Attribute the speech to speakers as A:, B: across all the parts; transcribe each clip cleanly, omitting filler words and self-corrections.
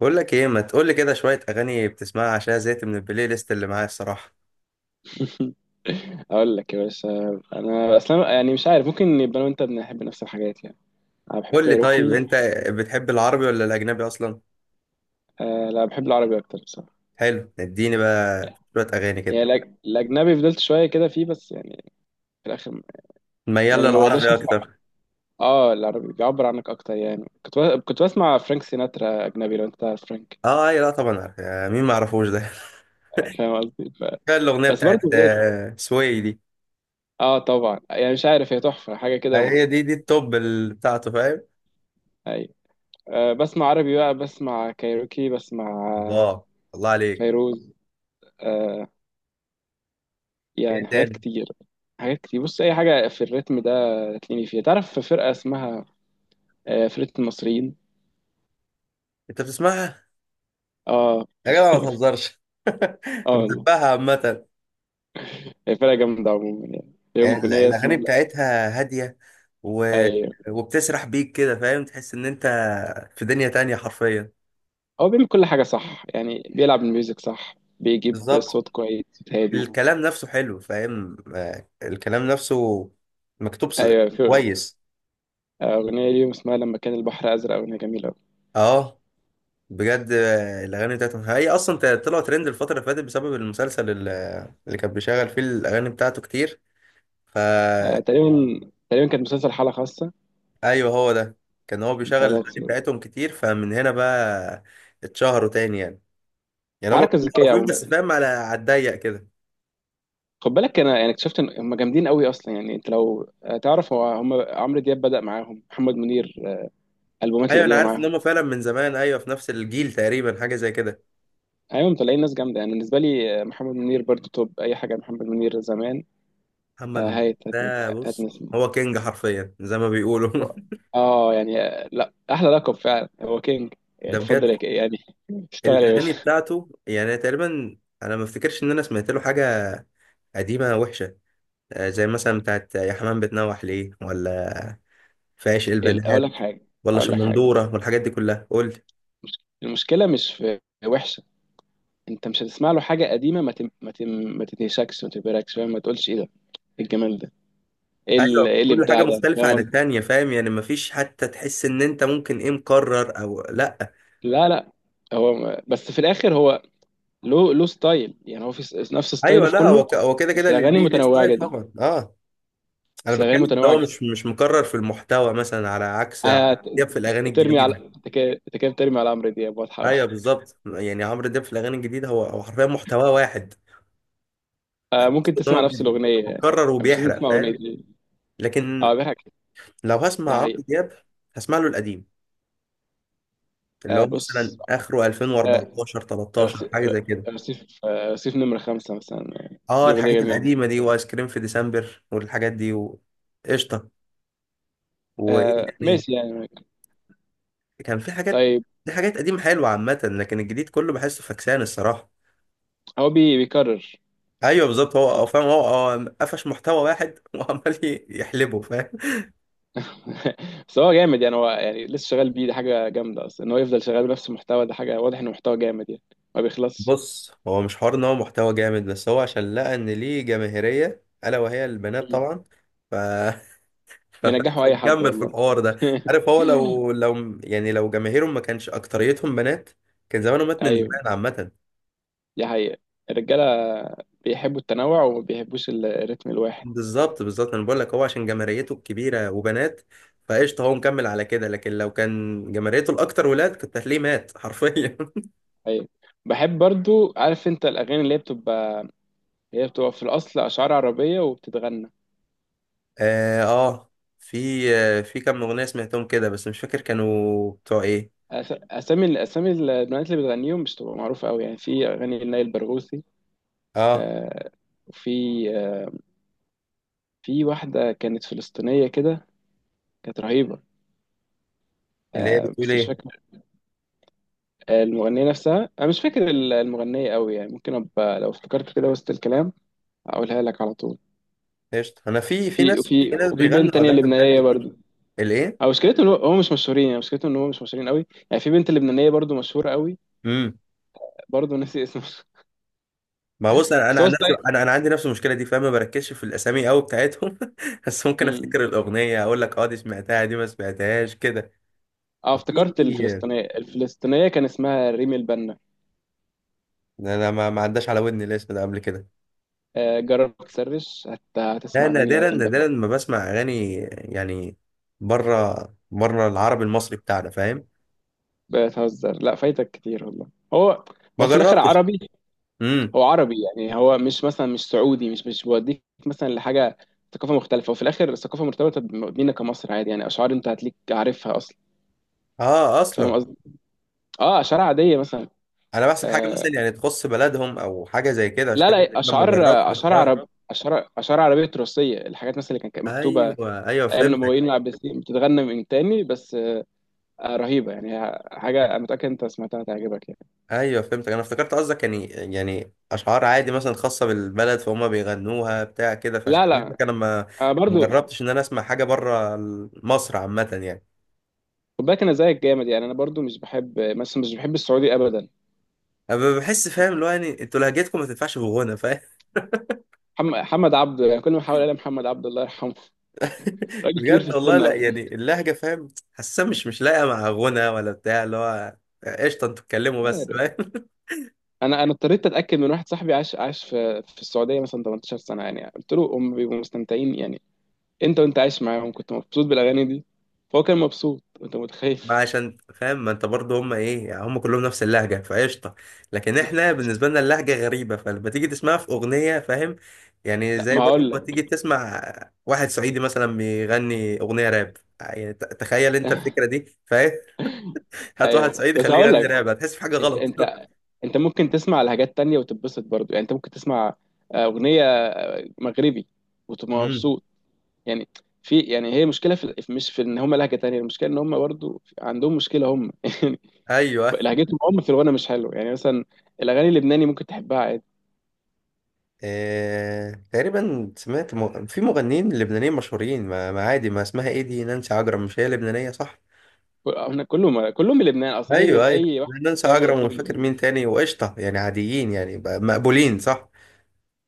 A: بقول لك ايه، ما تقول لي كده شويه اغاني بتسمعها عشان زهقت من البلاي ليست اللي معايا الصراحه.
B: اقول لك يا باشا. انا اصلا يعني مش عارف ممكن يبقى انا وانت بنحب نفس الحاجات يعني. انا بحب
A: قول لي طيب،
B: كايروكي
A: انت بتحب العربي ولا الاجنبي اصلا؟
B: آه لا بحب العربي اكتر بصراحه.
A: حلو، اديني بقى شويه اغاني كده.
B: يعني الاجنبي فضلت شويه كده فيه بس يعني في الاخر.
A: ميال
B: يعني ما بقدرش
A: للعربي
B: اسمع.
A: اكتر.
B: اه العربي بيعبر عنك اكتر يعني كنت بسمع فرانك سيناترا اجنبي لو انت تعرف فرانك.
A: اه، اي، لا طبعا عارف، مين ما يعرفوش ده.
B: يعني فاهم قصدي.
A: كان الاغنيه
B: بس
A: بتاعت
B: برضه ليه؟
A: سوي دي.
B: اه طبعا يعني مش عارف، هي تحفه حاجه كده م-
A: هي دي التوب بتاعته، فاهم.
B: ايوه. آه بسمع عربي بقى، بسمع كايروكي، بسمع آه،
A: الله، الله عليك.
B: فيروز، آه،
A: ايه
B: يعني حاجات
A: تاني؟
B: كتير. حاجات كتير. بص اي حاجه في الريتم ده تلاقيني فيها. تعرف في فرقه اسمها فرقه المصريين.
A: انت بتسمعها؟
B: اه.
A: يا جدع ما تهزرش.
B: اه والله.
A: بحبها عامه.
B: هي فرقه جامده عموما، يعني ليهم اغنيه
A: الأغاني
B: اسمها لا.
A: بتاعتها هادية و...
B: ايوه.
A: وبتسرح بيك كده، فاهم، تحس إن أنت في دنيا تانية حرفيا.
B: هو بيعمل كل حاجه صح، يعني بيلعب الميوزك صح، بيجيب
A: بالظبط.
B: صوت كويس، صوت هادي.
A: الكلام نفسه حلو، فاهم، الكلام نفسه مكتوب
B: ايوه، في
A: كويس.
B: اغنيه ليهم اسمها لما كان البحر ازرق، اغنيه جميله قوي.
A: اه، بجد، الأغاني بتاعتهم هي أصلا طلعوا ترند الفترة اللي فاتت بسبب المسلسل اللي كان بيشغل فيه الأغاني بتاعته كتير فا
B: آه تقريبا، تقريبا كانت مسلسل حاله خاصه.
A: أيوه، هو ده. كان هو بيشغل
B: بتاع
A: الأغاني
B: ده بس-
A: بتاعتهم كتير، فمن هنا بقى اتشهروا تاني يعني. يعني هم
B: الحركه
A: كانوا
B: الذكيه
A: معروفين،
B: عموما.
A: بس فاهم، على الضيق كده.
B: خد بالك انا يعني اكتشفت ان هم جامدين قوي اصلا. يعني انت لو تعرف هم عمرو دياب بدأ معاهم، محمد منير، البومات
A: ايوه، انا
B: القديمه
A: عارف ان
B: معاهم.
A: هم فعلا من زمان، ايوه، في نفس الجيل تقريبا، حاجه زي كده.
B: ايوه مطلعين ناس جامده يعني بالنسبه لي. محمد منير برضو توب. اي حاجه محمد منير زمان.
A: محمد
B: آه،
A: م-
B: هايت هاتن-
A: ده بص،
B: هاتنسي.
A: هو كينج حرفيا زي ما بيقولوا.
B: اه يعني لا، احلى لقب فعلا هو كينج.
A: ده بجد.
B: اتفضل يعني اشتغل يا
A: الاغاني
B: باشا.
A: بتاعته يعني تقريبا، انا ما افتكرش ان انا سمعت له حاجه قديمه وحشه. زي مثلا بتاعت يا حمام بتنوح ليه، ولا في عشق البنات،
B: اقول لك حاجه،
A: ولا
B: اقول لك حاجه،
A: شمندوره، والحاجات دي كلها، قول لي.
B: المشكله مش في وحشه. انت مش هتسمع له حاجه قديمه ما تم ما تم ما تتهشكش ما تبهركش، فاهم، ما تقولش ايه ده، ايه الجمال ده، ايه ال-
A: ايوه،
B: إيه
A: كل حاجه
B: الابداع ده،
A: مختلفه
B: فاهم
A: عن
B: قصدي؟
A: التانية، فاهم يعني، مفيش حتى تحس ان انت ممكن ايه مكرر او لا.
B: لا لا، بس في الاخر هو له ستايل، يعني هو في نفس ستايله
A: ايوه،
B: في
A: لا هو
B: كله.
A: هو كده
B: بس
A: كده،
B: الاغاني
A: ليه
B: متنوعه
A: ستايل
B: جدا.
A: طبعا، اه. انا
B: بس الاغاني
A: بتكلم ان
B: متنوعه
A: هو مش
B: جدا.
A: مش مكرر في المحتوى مثلا، على عكس عمرو
B: آه
A: دياب في الاغاني
B: ترمي على،
A: الجديده.
B: انت كده، أنت كده بترمي على عمرو دياب واضحه.
A: ايوه بالظبط، يعني عمرو دياب في الاغاني الجديده هو حرفيا محتواه واحد.
B: آه
A: بس
B: ممكن
A: ان هو
B: تسمع نفس الاغنيه يعني.
A: مكرر
B: مش لازم
A: وبيحرق،
B: تسمع اغنيه
A: فاهم.
B: دي. اه
A: لكن
B: بيضحك.
A: لو هسمع
B: ده
A: عمرو
B: حقيقي.
A: دياب هسمع له القديم، اللي
B: آه
A: هو مثلا
B: بص،
A: اخره
B: آه
A: 2014 13
B: رصي-
A: حاجه زي كده.
B: رصيف، آه رصيف نمرة خمسة مثلا، يعني
A: اه،
B: دي أغنية
A: الحاجات
B: جميلة.
A: القديمه دي وايس كريم في ديسمبر والحاجات دي، وقشطه. وايه
B: آه
A: تاني؟
B: ماشي يعني.
A: كان في حاجات.
B: طيب.
A: دي حاجات قديمة حلوة عامة، لكن الجديد كله بحسه فكسان الصراحة.
B: هو بيكرر.
A: ايوه بالظبط، هو فاهم، هو قفش محتوى واحد وعمال يحلبه، فاهم.
B: بس هو جامد يعني، هو يعني لسه شغال بيه، دي حاجه جامده اصلا ان هو يفضل شغال بنفس المحتوى ده، حاجه واضح انه محتوى جامد يعني ما بيخلصش.
A: بص، هو مش حوار ان هو محتوى جامد، بس هو عشان لقى ان ليه جماهيرية الا وهي البنات
B: مم.
A: طبعا، ف ف-
B: بينجحوا اي حد
A: فمكمل في
B: والله.
A: الحوار ده. عارف، هو لو يعني لو جماهيرهم ما كانش اكتريتهم بنات، كان زمانه مات من زمان
B: ايوه،
A: عامة.
B: دي حقيقه. الرجاله بيحبوا التنوع وما بيحبوش الريتم الواحد.
A: بالظبط، بالظبط، انا بقول لك، هو عشان جماهيريته الكبيره وبنات فقشطه هو مكمل على كده، لكن لو كان جماهيريته الاكتر ولاد كنت هتلاقيه مات حرفيا.
B: ايوه، بحب برضو عارف انت الاغاني اللي هي بتبقى، هي بتبقى في الاصل اشعار عربيه وبتتغنى.
A: اه، في كام اغنيه سمعتهم كده، بس مش فاكر كانوا بتوع ايه.
B: أس- اسامي الاسامي، البنات اللي بتغنيهم مش تبقى معروفه قوي يعني. في اغاني لنائل برغوثي،
A: اه،
B: آه، وفي آه، في واحدة كانت فلسطينية كده، كانت رهيبة.
A: اللي هي
B: آه
A: بتقول
B: بس مش
A: ايه؟
B: فاكر، المغنية نفسها أنا مش فاكر المغنية أوي يعني. ممكن أبقى لو افتكرت كده وسط الكلام أقولها لك على طول.
A: قشطه، انا في
B: وفي
A: ناس،
B: وفي
A: في ناس
B: وفي بنت
A: بيغنوا
B: تانية
A: اغاني بجد
B: لبنانية
A: كتير.
B: برضو.
A: الايه؟
B: أو مشكلته إن هو مش مشهورين، يعني مشكلته إن هو مش مشهورين أوي. يعني في بنت لبنانية برضو مشهورة أوي.
A: امم
B: برضو ناسي اسمها.
A: ما بص، انا
B: بس هو
A: عن نفسي
B: ستايل.
A: انا عندي نفس المشكله دي، فاهم، ما بركزش في الاسامي قوي بتاعتهم. بس ممكن
B: مم.
A: افتكر الاغنيه اقول لك، اه دي سمعتها، دي ما سمعتهاش كده.
B: اه
A: وفي
B: افتكرت الفلسطينية، الفلسطينية كان اسمها ريم البنا.
A: ده انا ما عداش على ودني الاسم ده قبل كده.
B: آه جرب تسرش،
A: لا،
B: هتسمع أغاني
A: نادرا
B: هتنبسط.
A: نادرا ما بسمع اغاني يعني، بره بره العربي المصري بتاعنا فاهم،
B: بتهزر، لا فايتك كتير والله. هو
A: ما
B: هو في الاخر
A: جربتش.
B: عربي،
A: امم،
B: هو عربي يعني، هو مش مثلا مش سعودي، مش بيوديك مثلا لحاجه ثقافه مختلفه. وفي الاخر الثقافه مرتبطه بينا كمصر، عادي يعني، اشعار انت هتليك عارفها اصلا،
A: اه
B: فاهم
A: اصلا،
B: قصدي. اه، اشعار عاديه مثلا.
A: انا بحسب حاجه
B: آه
A: مثلا يعني تخص بلدهم او حاجه زي كده، عشان
B: لا
A: كده
B: لا
A: أنا ما
B: اشعار،
A: جربتش،
B: اشعار
A: اه.
B: عرب اشعار اشعار عربيه تراثيه، الحاجات مثلا اللي كانت مكتوبه
A: ايوه، ايوه،
B: ايام
A: فهمتك.
B: الامويين والعباسيين بتتغنى من تاني بس. آه رهيبه يعني، حاجه انا متاكد انت سمعتها تعجبك يعني.
A: ايوه فهمتك، انا افتكرت قصدك، يعني اشعار عادي مثلا خاصه بالبلد فهم بيغنوها بتاع كده، فعشان
B: لا
A: كده
B: لا،
A: بقولك انا ما
B: آه
A: ما
B: برضو.
A: جربتش ان انا اسمع حاجه بره مصر عامه يعني.
B: خد بالك انا زيك جامد يعني، انا برضو مش بحب مثلا مش بحب السعودي ابدا،
A: انا بحس، فاهم،
B: يعني
A: اللي هو يعني انتوا لهجتكم ما تنفعش في غنى، فاهم.
B: محمد عبده، يعني كل ما احاول الاقي محمد عبده الله يرحمه، راجل كبير في
A: بجد والله،
B: السن
A: لا
B: قوي.
A: يعني اللهجه فاهم، حاسه مش لاققه مع غنى ولا بتاع اللي هو. قشطه، انتوا اتكلموا بس،
B: عارف،
A: فاهم.
B: انا اضطريت اتاكد من واحد صاحبي، عاش في السعوديه مثلا 18 سنه، يعني قلت له، هم بيبقوا مستمتعين يعني انت، وانت عايش معاهم كنت مبسوط بالاغاني دي، فهو كان مبسوط انت متخيل.
A: ما عشان فاهم ما انت برضه، هم ايه يعني، هم كلهم نفس اللهجه فقشطه. لكن احنا بالنسبه لنا اللهجه غريبه، فلما تيجي تسمعها في اغنيه فاهم، يعني
B: لا
A: زي
B: ما
A: برضه
B: هقول
A: ما
B: لك،
A: تيجي تسمع واحد صعيدي مثلا بيغني اغنيه راب يعني، تخيل انت الفكره دي، فاهم. هات
B: ايوه
A: واحد صعيدي
B: بس
A: خليه
B: هقول
A: يغني
B: لك،
A: راب، هتحس في حاجه
B: انت
A: غلط.
B: انت انت ممكن تسمع لحاجات تانية وتتبسط برضو. يعني انت ممكن تسمع اغنيه مغربي وتبقى
A: امم،
B: مبسوط. يعني في، يعني هي مشكله مش في ان هم لهجه تانية، المشكله ان هم برضو عندهم مشكله هم. يعني
A: ايوه.
B: لهجتهم هم في الغنى مش حلو يعني. مثلا الاغاني اللبناني ممكن تحبها عادي.
A: تقريبا سمعت في مغنيين لبنانيين مشهورين ما عادي، ما اسمها ايه دي، نانسي عجرم، مش هي لبنانية صح؟
B: احنا كلهم، كلهم من لبنان اصلا، اي
A: ايوه، ايوه،
B: اي واحد
A: نانسي
B: جامد
A: عجرم
B: هتلاقيه
A: ومش
B: من
A: فاكر
B: لبنان.
A: مين تاني وقشطة، يعني عاديين يعني مقبولين صح.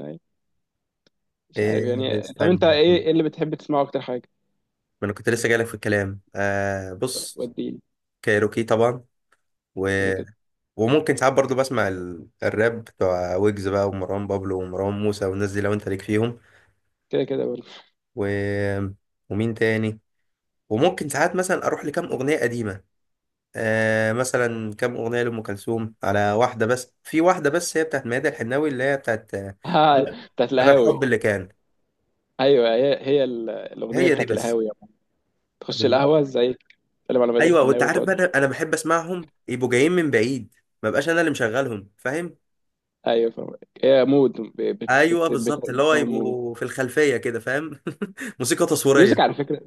B: أي. مش عارف
A: آه،
B: يعني، طب
A: استنى
B: انت ايه،
A: ما
B: إيه اللي بتحب تسمعه اكتر حاجه؟
A: انا كنت لسه جايلك في الكلام، آه بص.
B: وديني.
A: كايروكي طبعا، و...
B: كده كده.
A: وممكن ساعات برضو بسمع الراب بتوع ويجز بقى ومروان بابلو ومروان موسى والناس دي لو انت ليك فيهم،
B: كده كده برضه.
A: و... ومين تاني؟ وممكن ساعات مثلا اروح لكام اغنية قديمة، آه مثلا كام اغنيه لام كلثوم، على واحده بس، في واحده بس هي بتاعت ميادة الحناوي، اللي هي بتاعت
B: آه، بتاعت
A: انا
B: القهاوي.
A: الحب اللي كان.
B: ايوه هي هي الاغنيه
A: هي دي
B: بتاعت
A: بس.
B: القهاوي يعني. تخش
A: بالظبط.
B: القهوه زي، تتكلم على بدل
A: ايوه، وانت
B: الحناوي
A: عارف بقى،
B: وتقعد.
A: انا بحب اسمعهم يبقوا جايين من بعيد، ما بقاش انا اللي مشغلهم، فاهم.
B: ايوه فاهم. هي مود، بت
A: ايوه
B: بت بت بت
A: بالظبط، اللي هو
B: بتكون مود.
A: يبقوا في الخلفيه كده، فاهم. موسيقى تصويريه.
B: ميوزك على فكرة،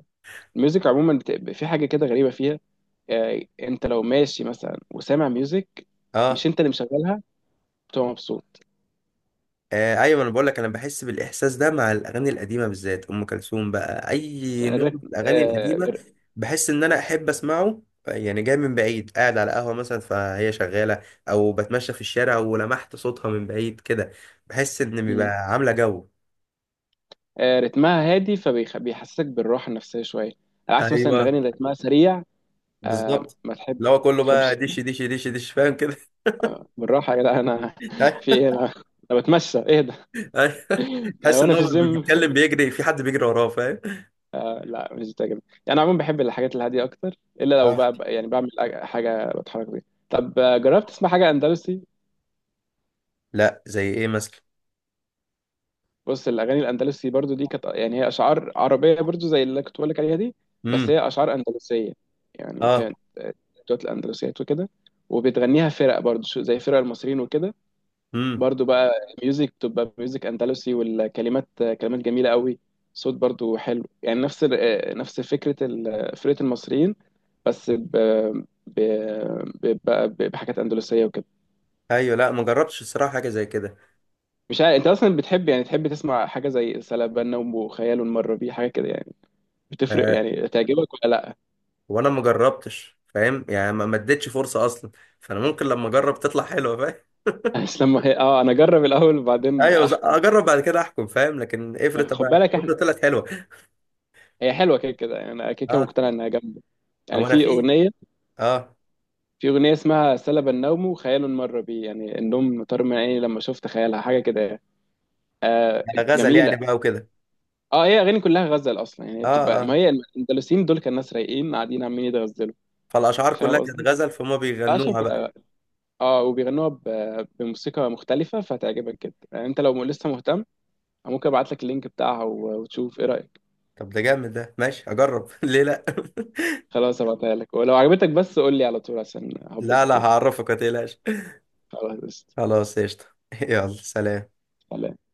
B: الميوزك عموما في حاجة كده غريبة فيها. انت لو ماشي مثلا وسامع ميوزك،
A: اه،
B: مش انت اللي مشغلها، بتبقى مبسوط.
A: آه، ايوه، انا بقول لك انا بحس بالاحساس ده مع الاغاني القديمه بالذات ام كلثوم بقى، اي
B: يعني
A: نوع من
B: الريتم،
A: الاغاني القديمه بحس ان انا احب اسمعه، يعني جاي من بعيد قاعد على قهوه مثلا فهي شغاله، او بتمشى في الشارع ولمحت صوتها من بعيد كده، بحس ان بيبقى
B: مم.
A: عامله جو.
B: آه، رتمها هادي فبيحسسك بالراحة النفسية شوية، على عكس مثلا
A: ايوه
B: الأغاني اللي رتمها سريع،
A: بالظبط،
B: ما تحب
A: اللي
B: ما
A: هو كله
B: تحبش.
A: بقى دش دش دش دش، فاهم كده.
B: بالراحة يا جدع أنا، في إيه أنا، أنا بتمشى إيه ده؟
A: أيوة.
B: يعني
A: حاسس ان
B: وأنا في
A: هو
B: الجيم.
A: بيتكلم بيجري، في حد بيجري وراه، فاهم.
B: آه، لا مش بتعجبني يعني، عموما بحب الحاجات الهادية أكتر، إلا لو
A: اه،
B: بقى يعني بعمل حاجة بتحرك بيها. طب جربت تسمع حاجة أندلسي؟
A: لا زي ايه مثلا؟
B: بص الاغاني الاندلسي برضو دي كانت، يعني هي اشعار عربيه برضو زي اللي كنت بقول لك عليها دي، بس
A: امم،
B: هي اشعار اندلسيه يعني.
A: اه،
B: كانت بتوع الاندلسيات وكده، وبتغنيها فرق برضو زي فرق المصريين وكده.
A: امم،
B: برضو بقى ميوزك، بتبقى ميوزك اندلسي، والكلمات آه، كلمات جميله قوي، صوت برضو حلو يعني، نفس نفس فكره فرقه المصريين، بس ب... بحاجات اندلسيه وكده.
A: ايوه، لا ما جربتش الصراحه حاجه زي كده.
B: مش عارف انت اصلا بتحب، يعني تحب تسمع حاجه زي سلابنا وخيال المره بيه، حاجه كده يعني، بتفرق
A: آه،
B: يعني تعجبك ولا لا؟
A: وانا ما جربتش فاهم يعني ما اديتش فرصه اصلا، فانا ممكن لما اجرب تطلع حلوه، فاهم.
B: بس لما هي، اه انا اجرب الاول وبعدين
A: ايوه،
B: احكم.
A: اجرب بعد كده احكم، فاهم، لكن افرض
B: خد
A: بقى
B: بالك احنا،
A: افرض طلعت حلوه.
B: هي حلوه كده كده يعني، انا كده كده
A: اه،
B: مقتنع انها جامده
A: هو
B: يعني.
A: انا في، اه،
B: في اغنيه اسمها سلب النوم خيال مر بي، يعني النوم طار من عيني لما شفت خيالها، حاجه كده يعني. آه
A: غزل يعني
B: جميله.
A: بقى وكده.
B: اه هي اغاني كلها غزل اصلا يعني
A: اه،
B: بتبقى، ما
A: اه،
B: هي الاندلسيين دول كان ناس رايقين قاعدين عمالين يتغزلوا،
A: فالاشعار
B: فاهم
A: كلها كانت
B: قصدي؟
A: غزل فهم
B: اشهر
A: بيغنوها بقى.
B: كلها. اه وبيغنوها بموسيقى مختلفه، فهتعجبك جدا يعني، انت لو لسه مهتم ممكن ابعت لك اللينك بتاعها وتشوف ايه رايك.
A: طب ده جامد، ده ماشي، اجرب. ليه لا؟
B: خلاص هبعتها لك، ولو عجبتك بس قول لي على طول عشان
A: لا،
B: هبسط
A: لا،
B: يعني.
A: هعرفك ما تقلقش.
B: خلاص قشطة.
A: خلاص قشطه. يلا سلام.
B: سلام.